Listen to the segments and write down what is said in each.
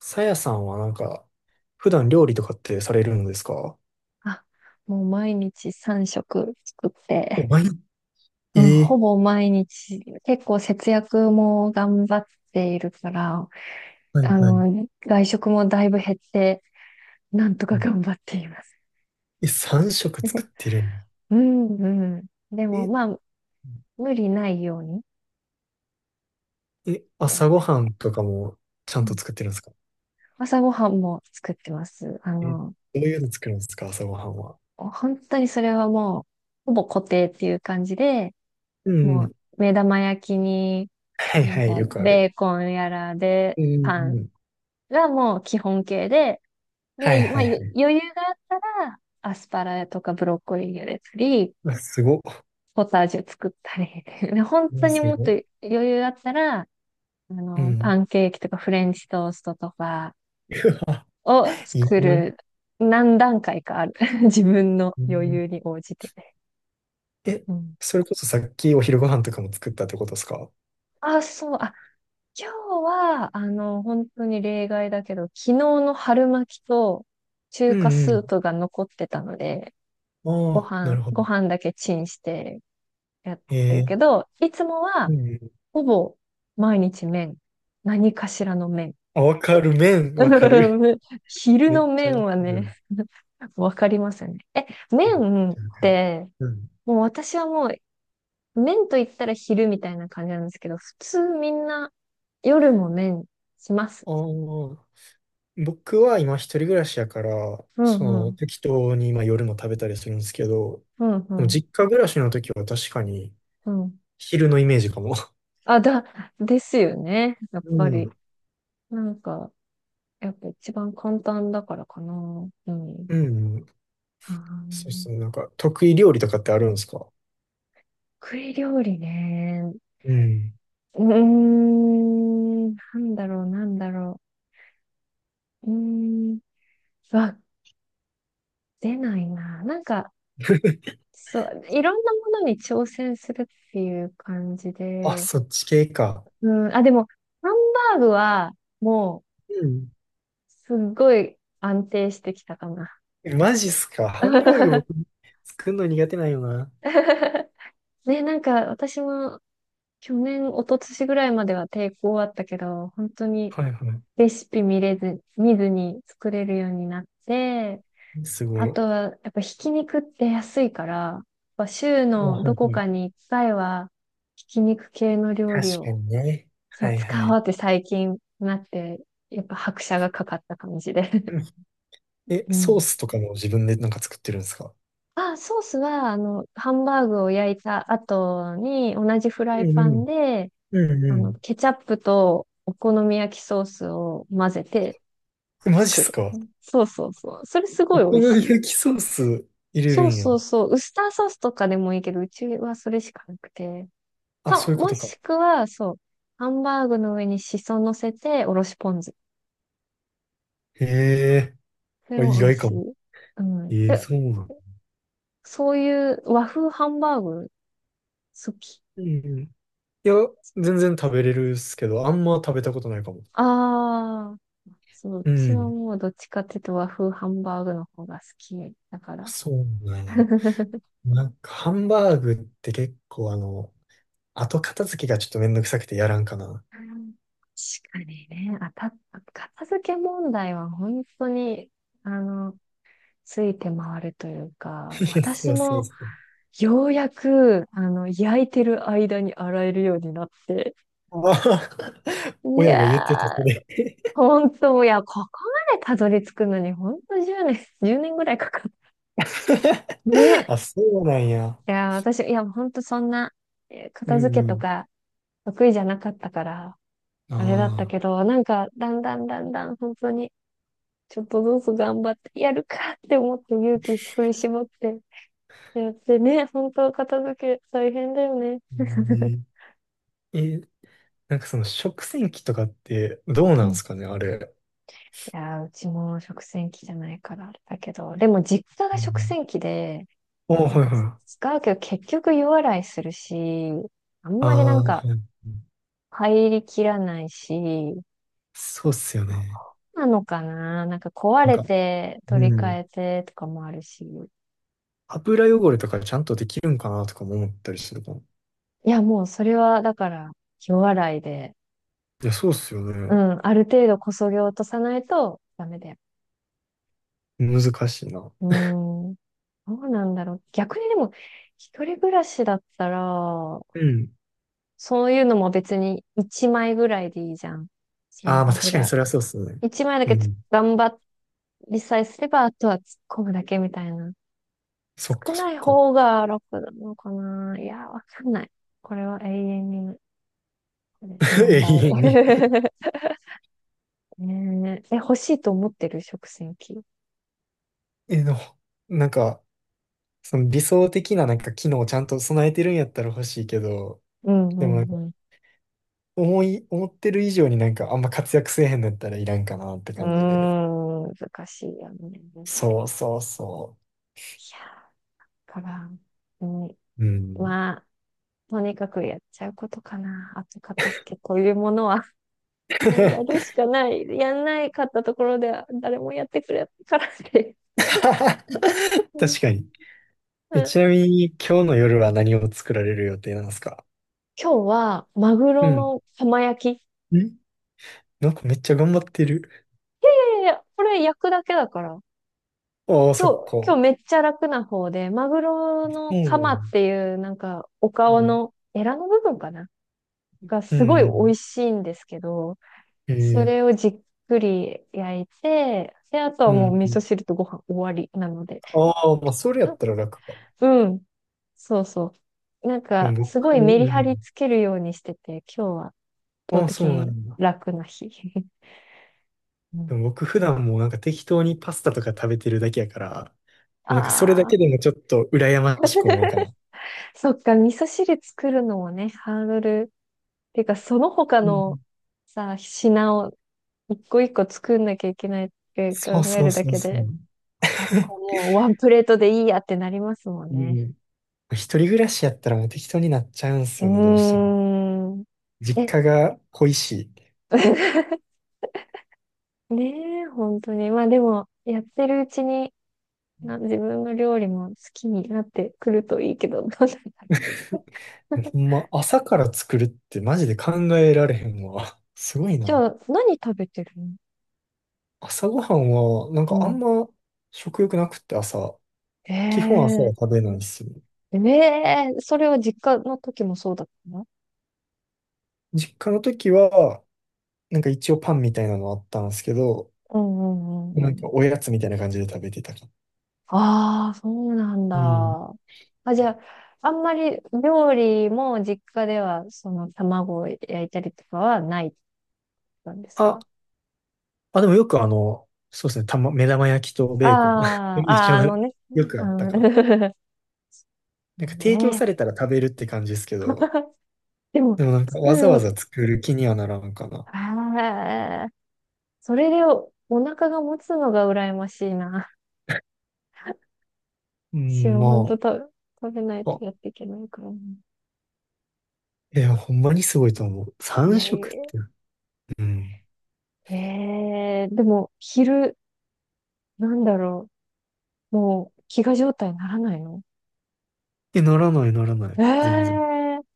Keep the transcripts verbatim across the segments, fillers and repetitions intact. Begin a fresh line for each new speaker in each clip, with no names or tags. さやさんはなんか、普段料理とかってされるのですか？
あ、もう毎日さんしょく食作って、
お
う
前、
ん、
え
ほ
え、
ぼ毎日、結構節約も頑張っているから、
はい
あ
はい。
の、外食もだいぶ減って、なんと
う
か
ん、
頑張っています。
え、さん食作ってるんや。
うん、うん。でも、
え、
まあ、無理ないように
え、
やっ
朝ご
て。
はんとかもちゃ
う
んと
ん、
作ってるんですか？
朝ごはんも作ってます。あ
え、ど
の、
ういうの作るんですか朝ごはんは？
本当にそれはもう、ほぼ固定っていう感じで、
うん
も
う
う、
ん。
目玉焼きに、
はい
なん
はい、
か、
よくあ
ベ
る。
ーコンやらで、
うんう
パ
ん
ン
うん。
がもう基本形で、
はい
で、ま
は
あ、
いは
ゆ
い。
余裕があったら、アスパラとかブロッコリー茹でたり、
うわすごっ。
ポタージュ作ったり、で、本当
ね
に
す
もっと
ごっ。
余裕があったら、あ
う
の、パ
ん。
ンケーキとかフレンチトーストとか
うわ、
を
いい
作
な。
る、何段階かある。自分の
う
余
ん、
裕に応じて。
え、
うん。
それこそさっきお昼ご飯とかも作ったってことですか？
あ、そう、あ、今日は、あの、本当に例外だけど、昨日の春巻きと中
う
華
んう
スー
ん。
プが残ってたので、
あ
ご
あ、な
飯、
るほど。
ご飯だけチンしてやってるけ
え、
ど、いつもは
うん。
ほぼ毎日麺。何かしらの麺。
あ、わかる、麺、わかる。
昼
めっ
の
ちゃ
麺
わか
はね。
る。
わかりますよね。え、
めっ
麺っ
ちゃわかる。
て、
うん。
もう私はもう麺と言ったら昼みたいな感じなんですけど、普通みんな夜も麺します。
ああ、僕は今一人暮らしやから、
う
そ
んう
の
ん。
適当に今夜も食べたりするんですけど、
うんう
でも
ん。
実家暮らしの時は確かに
うん。
昼のイメージかも。
あ、だ、ですよね。やっ
う
ぱ
ん。
り。なんか、やっぱ一番簡単だからかな。うん。
うん。
あ
そう
ー
そう。なんか得意料理とかってあるんですか？
得意料理ね。
うん。
うーん、なんだろう、なんだろう。うーん、わ、出ないな。なんか、そう、いろんなものに挑戦するっていう感じ
あ、
で。
そっち系か。
うん、あ、でも、ハンバーグは、もう、
うん。
すっごい安定してきたかな。
えマジっすか。ハンバーグ 僕作るの苦手なんよな。
ね、なんか、私も、去年、一昨年ぐらいまでは抵抗あったけど、本当に、
はいは
レシピ見れず、見ずに作れるようになって、
い。すご
あ
い。
とは、やっぱひき肉って安いから、やっぱ週
あ、
の
は
ど
い
こ
はい。
かに一回は、ひき肉系の料理
確か
を、
にね。
そ
は
う、
いは
使お
い。
うって最近なって、やっぱ拍車がかかった感じで。
うん、え、
う
ソー
ん。
スとかも自分でなんか作ってるんですか？
あ、ソースは、あの、ハンバーグを焼いた後に、同じフライ
うんう
パン
ん。
で、
うん
あの、
う
ケチャップとお好み焼きソースを混ぜて
ん。マジっ
作
す
る。
か。
そうそうそう。それす
お
ごい美
好
味
み
しい。
焼きソース入れる
そう
んや。
そうそう。ウスターソースとかでもいいけど、うちはそれしかなくて。
あ、
そ
そう
う、
いうこ
も
とか。
しくは、そう、ハンバーグの上にシソ乗せて、おろしポン酢。
へえ。
それ
あ、意
も美味
外か
し
も。
い。うん。
ええ、
で、
そうなん。
そういう和風ハンバーグ好き。
うんうん。いや、全然食べれるっすけど、あんま食べたことないかも。
ああ、そう、う
う
ちは
ん。
もうどっちかっていうと和風ハンバーグの方が好きだから。
そうな んや。
確
なんか、ハンバーグって結構あの、後片付けがちょっとめんどくさくてやらんかな。
かにね、あた、片付け問題は本当に、あの、ついて回るというか、
い
私
やそうそ
も
う、
ようやく、あの、焼いてる間に洗えるようになって、
まあ、
い
親が
や
言ってた、そ
ー、
れ。
ほんと、いや、ここまでたどり着くのに、ほんとじゅうねん、いちねんぐらいかかる。ね。
あ、そうなんや。
いやー、私、いや、ほんとそんな、えー
う
片
ん
付
う
けと
ん。
か得意じゃなかったから、
あ
あれだった
あ。
けど、なんか、だんだんだんだん、本当に、ちょっとずつ頑張ってやるかって思って勇気振り絞ってやってね、本当片付け大変だよね。
うん、ねえ、なんかその食洗機とかってどう
う
なんで
ん。
すかね、あれ。
いや、うちも食洗機じゃないからあれだけど、でも実家
う
が食
ん。
洗機で、
あ、
なん
はい
か
はい。
使うけど結局湯洗いするし、あん
あ
まりなん
あ、
か
はい。
入りきらないし、
そうっすよね。
なのかな、なんか壊
なん
れ
か、
て取り
う
替
ん。
えてとかもあるし。
油汚れとかちゃんとできるんかなとかも思ったりするかも。
いや、もうそれはだから湯洗いで、
いや、そうっすよ
う
ね。
ん、ある程度こそげ落とさないとダメだよ。
難しいな。
うーん、どうなんだろう。逆にでも一人暮らしだったら、
うん。
そういうのも別にいちまいぐらいでいいじゃん。そ
ああ、
の
まあ確かに
油。
それはそうっすね。
1枚だ
う
けつ
ん。
頑張りさえすれば、あとは突っ込むだけみたいな。
そっ
少
かそ
な
っ
い
か。
方が楽なのかな。いや、わかんない。これは永遠に 問
永遠に、
題。ねえ、え欲しいと思ってる食洗機。
え、でも、なんか、その理想的ななんか機能をちゃんと備えてるんやったら欲しいけど、
う
でもなん
ん
か
うん
思い、思ってる以上になんかあんま活躍せえへんのやったらいらんかなって
う
感じで。
ん。うーん、難しいよね。い
そうそうそ
や、だから、うん、
う。うん。
まあ、とにかくやっちゃうことかな。後片付けというものはもうやる しかない。やんないかったところでは誰もやってくれないからって。うん
確かに。え、
うん。
ちなみに今日の夜は何を作られる予定なんですか？
今日はマグ
う
ロ
ん。
の浜焼き。
んなんかめっちゃ頑張ってる。
でこれ焼くだけだから。
ああ、
今
そっ
日、今
か。
日めっちゃ楽な方で、マグロ
う
のカマっ
ん。
ていうなんかお
う
顔
ん。
のエラの部分かなが
う
すごい美
ん。
味しいんですけど、そ
え、え、
れをじっくり焼いて、で、あとは
う
もう
ん。
味噌汁とご飯終わりなので。
ああ、まあ、それやったら楽か。
うん。そうそう。なん
うん
か、す
僕、
ごいメリ
う
ハリ
ん。
つけるようにしてて、今日は圧倒
ああ、そ
的
うな
に
んだ。
楽な日。う
で
ん。
も僕普段もうなんか適当にパスタとか食べてるだけやから、もうなんかそれだ
ああ、
けでもちょっと羨ましく思うかな。
そっか。味噌汁作るのもね、ハードル。てか、その他
う
の
ん。
さ、品を一個一個作んなきゃいけないって考
そう
え
そう
るだ
そう
け
そう。
で、あと もうワンプレートでいいやってなりますもん
う
ね。
ん。一人暮らしやったらもう適当になっちゃうんす
う
よね、どうしても。
ーん。
実
え、
家が恋し
ねえ、本当に。まあでも、やってるうちに、な自分の料理も好きになってくるといいけど、どうなんだろ
い。
う。
ほんま、朝から作るってマジで考えられへんわ。すごい
じ
な。
ゃあ、何食べてるの。
朝ごはんは、なん
う
かあん
ん。
ま食欲なくって朝。基本朝は
ええ
食べないっすよね。
ええ、それは実家の時もそうだったの。
実家の時は、なんか一応パンみたいなのあったんですけど、
うんうんう
な
んう
ん
ん。
かおやつみたいな感じで食べてたか。
ああ、そうなん
うん。
だ。あ、じゃあ、あんまり料理も実家では、その卵を焼いたりとかはないなんです
あ、
か？
あ、でもよくあの、そうですね、たま、目玉焼きと
あ
ベーコン
あ、
一
ああ、
緒
あ
の、
のね。
よく
う
あったかな。
ん、
なんか提供
ね
さ
え。
れたら食べるって感じですけど、
でも、
でもなん
ス
か
プ
わざ
ー
わざ
ン、
作る気にはならんかな。
ああ、それでお腹が持つのが羨ましいな。
う
し
ん、
はん
ま
当食べ、食べない
あ、
と
あ、
やっていけないから。
いや、ほんまにすごいと思う。
い
さん
やい
食っ
や。
て。うん。
ええーでも、昼、なんだろう。もう、飢餓状態にならないの？
え、ならないならな
え
い。
え
全然。
ー、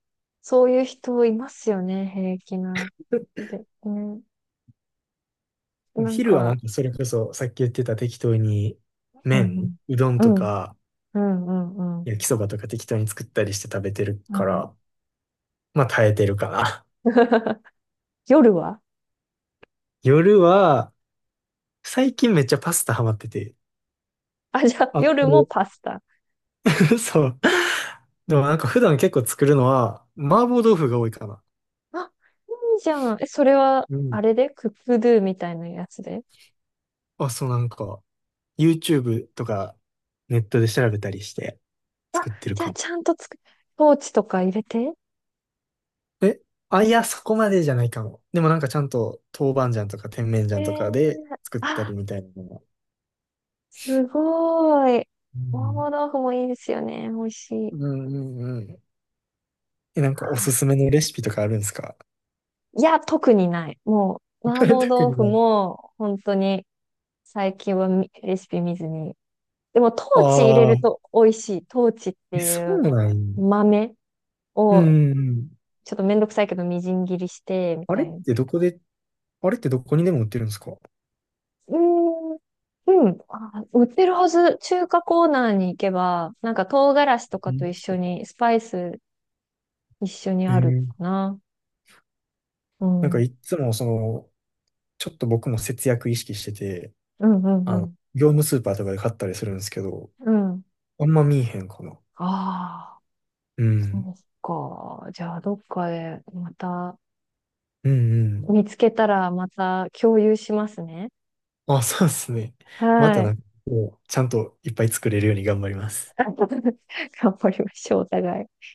そういう人いますよね、平気な。で、ね、なん
昼はな
か、
んかそれこそ、さっき言ってた適当に、
う
麺、
ん
うどん
うん、う
と
ん、
か、
うん、うん、うん。
焼きそばとか適当に作ったりして食べてる
う
か
ん。
ら、まあ耐えてるかな。
夜は、
夜は、最近めっちゃパスタハマってて。
あ、じゃあ、
あ、
夜もパ
こ
スタ。
う そう。でもなんか普段結構作るのは、麻婆豆腐が多いかな。
あ、いいじゃん。え、それは、
う
あ
ん。
れでクックドゥみたいなやつで。
あ、そうなんか、ユーチューブ とかネットで調べたりして
あ、
作ってる
じゃあ
かも。
ちゃんとつく、ポーチとか入れて。
え、あ、いや、そこまでじゃないかも。でもなんかちゃんと豆板醤とか甜麺
え
醤とかで
ー、
作ったり
あ、
みたいなのが。
すごい。
う
麻
ん。
婆豆腐もいいですよね。美味しい。
うんうんうん。え、なんかおすすめのレシピとかあるんですか？
いや、特にない。もう、麻婆
特
豆
に
腐
ない。
も、本当に、最近はみレシピ見ずに。でも、トーチ入れ
あ
る
あ、
と美味しい。トーチっ
え、
て
そ
い
う
う
なん、
豆
う
を、
んうん。
ちょっとめんどくさいけど、みじん切りして、み
あ
た
れっ
いな。
てどこで、あれってどこにでも売ってるんですか？
うーん、うん、あ、売ってるはず。中華コーナーに行けば、なんか唐辛子と
う
かと
ん、
一緒に、スパイス一緒に
え
あるか
ー、
な。うん。
なん
う
かい
ん、
っつもその、ちょっと僕も節約意識してて、
うん、う
あの、
ん。
業務スーパーとかで買ったりするんですけど、
うん。
あんま見えへんかな。
ああ、
う
そ
ん。
うか。じゃあ、どっかでまた
うんうん。
見つけたらまた共有しますね。
あ、そうですね。ま
は
たな
い。
んか、こうちゃんといっぱい作れるように頑張りま す。
頑張りましょう、お互い。